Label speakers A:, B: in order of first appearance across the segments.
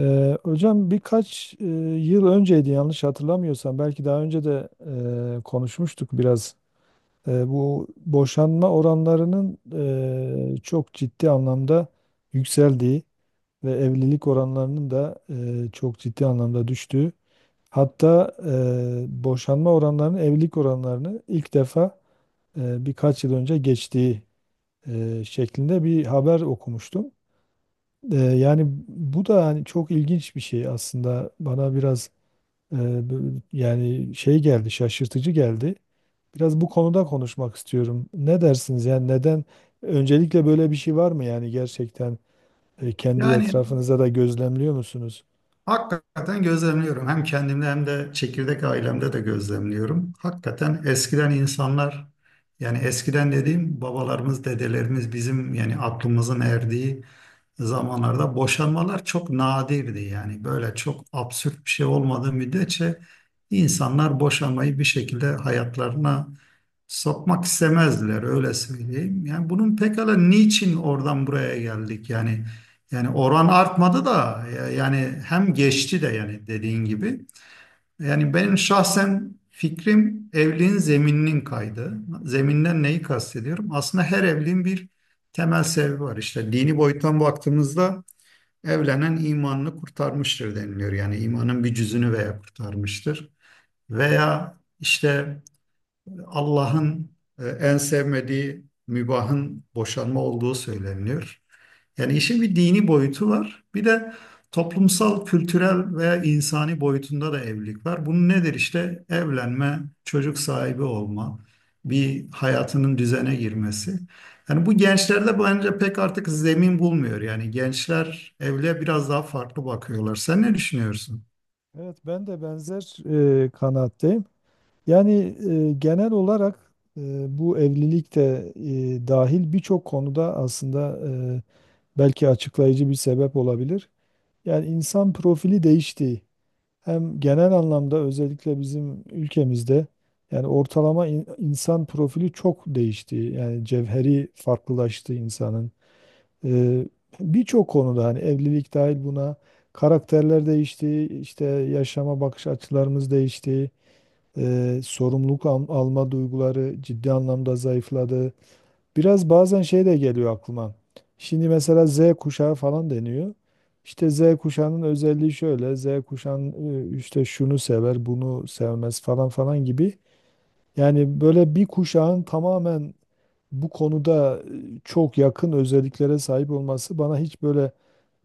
A: Hocam, birkaç yıl önceydi, yanlış hatırlamıyorsam belki daha önce de konuşmuştuk biraz. Bu boşanma oranlarının çok ciddi anlamda yükseldiği ve evlilik oranlarının da çok ciddi anlamda düştüğü. Hatta boşanma oranlarının evlilik oranlarını ilk defa birkaç yıl önce geçtiği şeklinde bir haber okumuştum. Yani bu da hani çok ilginç bir şey aslında, bana biraz yani şey geldi, şaşırtıcı geldi. Biraz bu konuda konuşmak istiyorum. Ne dersiniz? Yani neden, öncelikle böyle bir şey var mı? Yani gerçekten kendi
B: Yani
A: etrafınıza da gözlemliyor musunuz?
B: hakikaten gözlemliyorum. Hem kendimde hem de çekirdek ailemde de gözlemliyorum. Hakikaten eskiden insanlar yani eskiden dediğim babalarımız, dedelerimiz bizim yani aklımızın erdiği zamanlarda boşanmalar çok nadirdi. Yani böyle çok absürt bir şey olmadığı müddetçe insanlar boşanmayı bir şekilde hayatlarına sokmak istemezdiler öyle söyleyeyim. Yani bunun pekala niçin oradan buraya geldik? Yani oran artmadı da yani hem geçti de yani dediğin gibi. Yani benim şahsen fikrim evliliğin zemininin kaydı. Zeminden neyi kastediyorum? Aslında her evliliğin bir temel sebebi var. İşte dini boyuttan baktığımızda evlenen imanını kurtarmıştır deniliyor. Yani imanın bir cüzünü veya kurtarmıştır. Veya işte Allah'ın en sevmediği mübahın boşanma olduğu söyleniyor. Yani işin bir dini boyutu var. Bir de toplumsal, kültürel veya insani boyutunda da evlilik var. Bunun nedir işte? Evlenme, çocuk sahibi olma, bir hayatının düzene girmesi. Yani bu gençlerde bence pek artık zemin bulmuyor. Yani gençler evliliğe biraz daha farklı bakıyorlar. Sen ne düşünüyorsun?
A: Evet, ben de benzer kanaatteyim. Yani genel olarak, bu evlilik de dahil birçok konuda, aslında e, belki açıklayıcı bir sebep olabilir. Yani insan profili değişti, hem genel anlamda, özellikle bizim ülkemizde. Yani ortalama insan profili çok değişti. Yani cevheri farklılaştı insanın. Ee, Birçok konuda, hani evlilik dahil buna, karakterler değişti, işte yaşama bakış açılarımız değişti, sorumluluk alma duyguları ciddi anlamda zayıfladı. Biraz bazen şey de geliyor aklıma. Şimdi mesela Z kuşağı falan deniyor. İşte Z kuşağının özelliği şöyle: Z kuşağın işte şunu sever, bunu sevmez falan falan gibi. Yani böyle bir kuşağın tamamen bu konuda çok yakın özelliklere sahip olması bana hiç böyle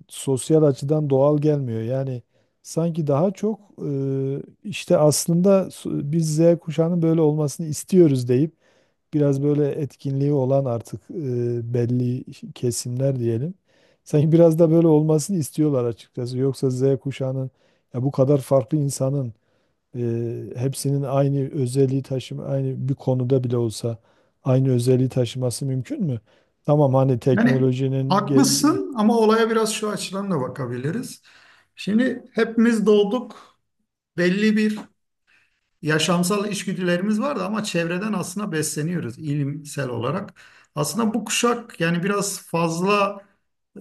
A: sosyal açıdan doğal gelmiyor. Yani sanki daha çok işte aslında, biz Z kuşağının böyle olmasını istiyoruz deyip biraz böyle etkinliği olan artık belli kesimler diyelim. Sanki biraz da böyle olmasını istiyorlar açıkçası. Yoksa Z kuşağının, ya bu kadar farklı insanın hepsinin aynı özelliği taşıma, aynı bir konuda bile olsa aynı özelliği taşıması mümkün mü? Tamam, hani
B: Yani
A: teknolojinin gel-,
B: haklısın ama olaya biraz şu açıdan da bakabiliriz. Şimdi hepimiz doğduk, belli bir yaşamsal içgüdülerimiz vardı ama çevreden aslında besleniyoruz ilimsel olarak. Aslında bu kuşak yani biraz fazla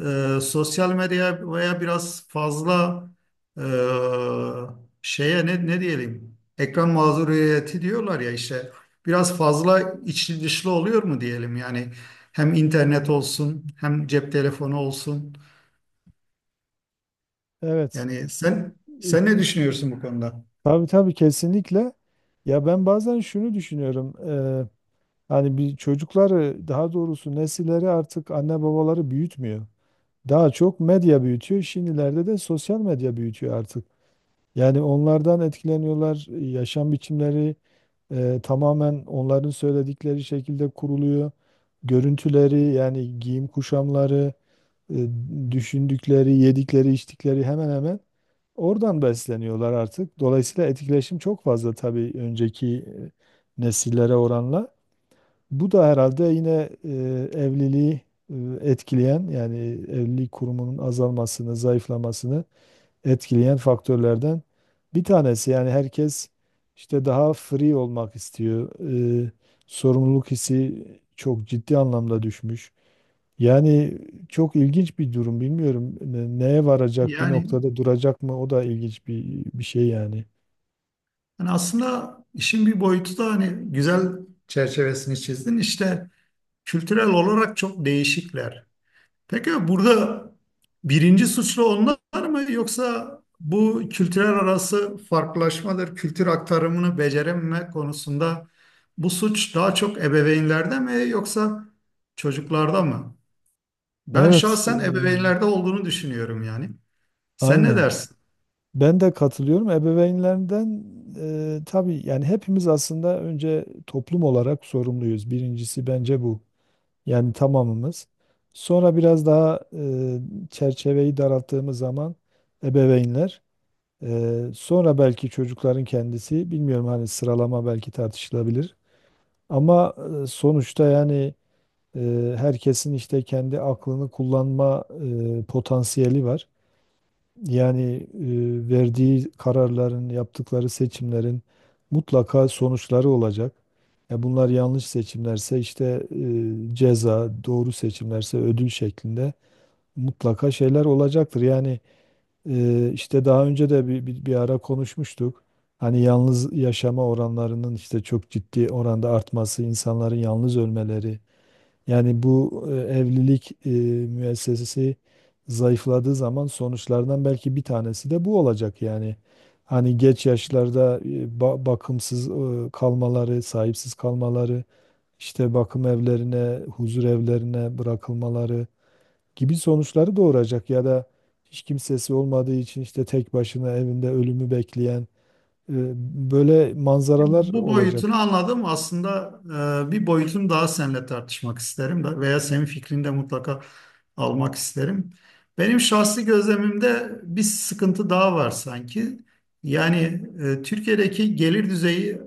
B: sosyal medyaya veya biraz fazla e, şeye ne diyelim, ekran mağduriyeti diyorlar ya, işte biraz fazla içli dışlı oluyor mu diyelim, yani hem internet olsun hem cep telefonu olsun.
A: evet.
B: Yani sen
A: İ-
B: sen ne düşünüyorsun bu konuda?
A: tabii tabii, kesinlikle. Ya ben bazen şunu düşünüyorum. Hani bir çocukları, daha doğrusu nesilleri, artık anne babaları büyütmüyor. Daha çok medya büyütüyor. Şimdilerde de sosyal medya büyütüyor artık. Yani onlardan etkileniyorlar. Yaşam biçimleri tamamen onların söyledikleri şekilde kuruluyor. Görüntüleri, yani giyim kuşamları, e, düşündükleri, yedikleri, içtikleri, hemen hemen oradan besleniyorlar artık. Dolayısıyla etkileşim çok fazla, tabii önceki nesillere oranla. Bu da herhalde yine evliliği e, etkileyen, yani evlilik kurumunun azalmasını, zayıflamasını etkileyen faktörlerden bir tanesi. Yani herkes işte daha free olmak istiyor. E, Sorumluluk hissi çok ciddi anlamda düşmüş. Yani çok ilginç bir durum, bilmiyorum. Neye varacak, bir
B: Yani
A: noktada duracak mı? O da ilginç bir şey yani.
B: Yani aslında işin bir boyutu da hani güzel, çerçevesini çizdin. İşte kültürel olarak çok değişikler. Peki burada birinci suçlu onlar mı yoksa bu kültürel arası farklılaşmadır, kültür aktarımını becerememe konusunda bu suç daha çok ebeveynlerde mi yoksa çocuklarda mı? Ben
A: Evet,
B: şahsen ebeveynlerde olduğunu düşünüyorum yani. Sen ne
A: aynen.
B: dersin?
A: Ben de katılıyorum. Ebeveynlerden, tabii yani hepimiz aslında önce toplum olarak sorumluyuz. Birincisi bence bu. Yani tamamımız. Sonra biraz daha çerçeveyi daralttığımız zaman ebeveynler, sonra belki çocukların kendisi, bilmiyorum, hani sıralama belki tartışılabilir. Ama sonuçta, yani herkesin işte kendi aklını kullanma potansiyeli var. Yani verdiği kararların, yaptıkları seçimlerin mutlaka sonuçları olacak. Ya bunlar yanlış seçimlerse işte ceza, doğru seçimlerse ödül şeklinde mutlaka şeyler olacaktır. Yani işte daha önce de bir ara konuşmuştuk. Hani yalnız yaşama oranlarının işte çok ciddi oranda artması, insanların yalnız ölmeleri, yani bu evlilik müessesesi zayıfladığı zaman sonuçlardan belki bir tanesi de bu olacak yani. Hani geç yaşlarda bakımsız kalmaları, sahipsiz kalmaları, işte bakım evlerine, huzur evlerine bırakılmaları gibi sonuçları doğuracak, ya da hiç kimsesi olmadığı için işte tek başına evinde ölümü bekleyen, e, böyle manzaralar
B: Bu boyutunu
A: olacak.
B: anladım. Aslında bir boyutunu daha seninle tartışmak isterim da veya senin fikrini de mutlaka almak isterim. Benim şahsi gözlemimde bir sıkıntı daha var sanki. Yani Türkiye'deki gelir düzeyi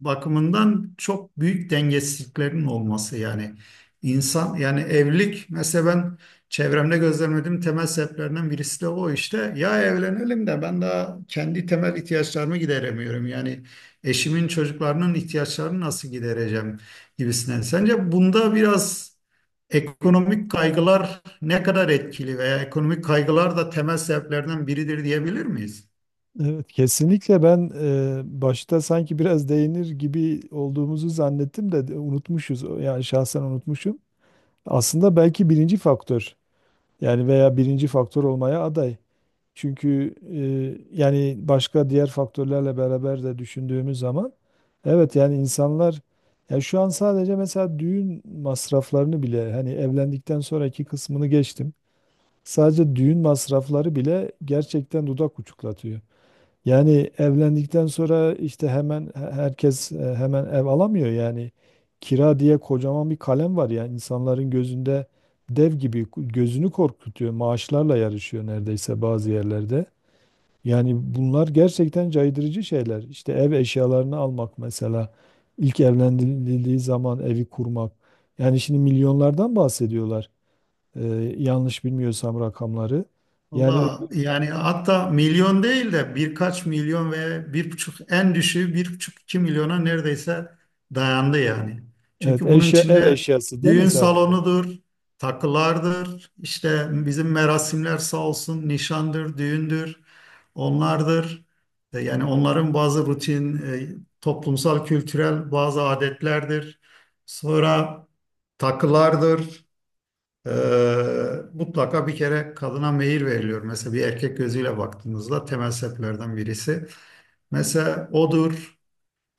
B: bakımından çok büyük dengesizliklerin olması, yani insan, yani evlilik, mesela ben çevremde gözlemlediğim temel sebeplerinden birisi de o. işte ya evlenelim de ben daha kendi temel ihtiyaçlarımı gideremiyorum yani, eşimin çocuklarının ihtiyaçlarını nasıl gidereceğim gibisinden. Sence bunda biraz ekonomik kaygılar ne kadar etkili veya ekonomik kaygılar da temel sebeplerden biridir diyebilir miyiz?
A: Evet, kesinlikle, ben başta sanki biraz değinir gibi olduğumuzu zannettim de unutmuşuz. Yani şahsen unutmuşum. Aslında belki birinci faktör, yani veya birinci faktör olmaya aday. Çünkü yani başka diğer faktörlerle beraber de düşündüğümüz zaman, evet yani insanlar, yani şu an sadece mesela düğün masraflarını bile, hani evlendikten sonraki kısmını geçtim. Sadece düğün masrafları bile gerçekten dudak uçuklatıyor. Yani evlendikten sonra işte hemen herkes hemen ev alamıyor yani. Kira diye kocaman bir kalem var ya, insanların gözünde dev gibi gözünü korkutuyor. Maaşlarla yarışıyor neredeyse bazı yerlerde. Yani bunlar gerçekten caydırıcı şeyler. İşte ev eşyalarını almak mesela, ilk evlendirildiği zaman evi kurmak. Yani şimdi milyonlardan bahsediyorlar. Yanlış bilmiyorsam rakamları. Yani
B: Valla yani hatta milyon değil de birkaç milyon, ve 1,5 en düşüğü, 1,5-2 milyona neredeyse dayandı yani.
A: evet,
B: Çünkü bunun
A: eşya, ev
B: içinde
A: eşyası değil mi
B: düğün
A: sadece?
B: salonudur, takılardır, işte bizim merasimler sağ olsun nişandır, düğündür, onlardır. Yani onların bazı rutin, toplumsal, kültürel bazı adetlerdir. Sonra takılardır. Ee, mutlaka bir kere kadına meyil veriliyor. Mesela bir erkek gözüyle baktığınızda temel sebeplerden birisi. Mesela odur.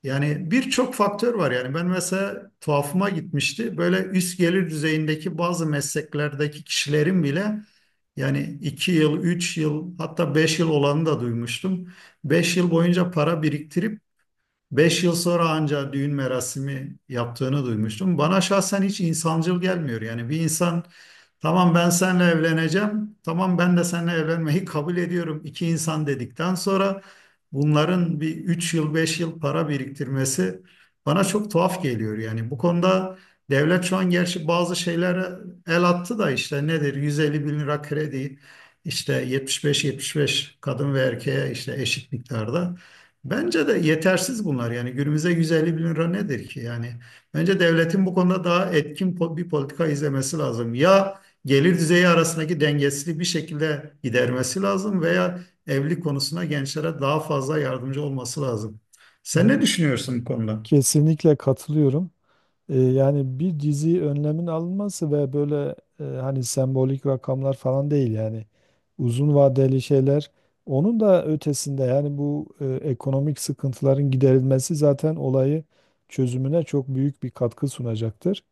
B: Yani birçok faktör var yani. Ben mesela tuhafıma gitmişti. Böyle üst gelir düzeyindeki bazı mesleklerdeki kişilerin bile yani 2 yıl, 3 yıl, hatta 5 yıl olanı da duymuştum. 5 yıl boyunca para biriktirip 5 yıl sonra ancak düğün merasimi yaptığını duymuştum. Bana şahsen hiç insancıl gelmiyor. Yani bir insan tamam ben seninle evleneceğim, tamam ben de seninle evlenmeyi kabul ediyorum, İki insan dedikten sonra bunların bir 3 yıl, 5 yıl para biriktirmesi bana çok tuhaf geliyor. Yani bu konuda devlet şu an gerçi bazı şeylere el attı da, işte nedir, 150 bin lira kredi, işte 75-75 kadın ve erkeğe, işte eşit miktarda. Bence de yetersiz bunlar. Yani günümüzde 150 bin lira nedir ki? Yani bence devletin bu konuda daha etkin bir politika izlemesi lazım. Ya gelir düzeyi arasındaki dengesizliği bir şekilde gidermesi lazım, veya evlilik konusuna gençlere daha fazla yardımcı olması lazım. Sen ne
A: Evet.
B: düşünüyorsun bu konuda?
A: Kesinlikle katılıyorum. Yani bir dizi önlemin alınması, ve böyle hani sembolik rakamlar falan değil, yani uzun vadeli şeyler. Onun da ötesinde, yani bu ekonomik sıkıntıların giderilmesi zaten olayı çözümüne çok büyük bir katkı sunacaktır.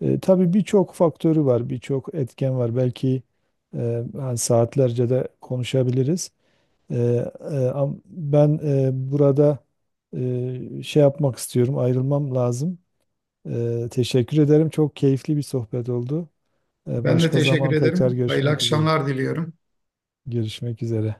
A: Tabii birçok faktörü var, birçok etken var. Belki hani saatlerce de konuşabiliriz. Ee, Ben burada şey yapmak istiyorum, ayrılmam lazım. Teşekkür ederim. Çok keyifli bir sohbet oldu.
B: Ben de
A: Başka
B: teşekkür
A: zaman tekrar
B: ederim. Hayırlı
A: görüşmek üzere.
B: akşamlar diliyorum.
A: Görüşmek üzere.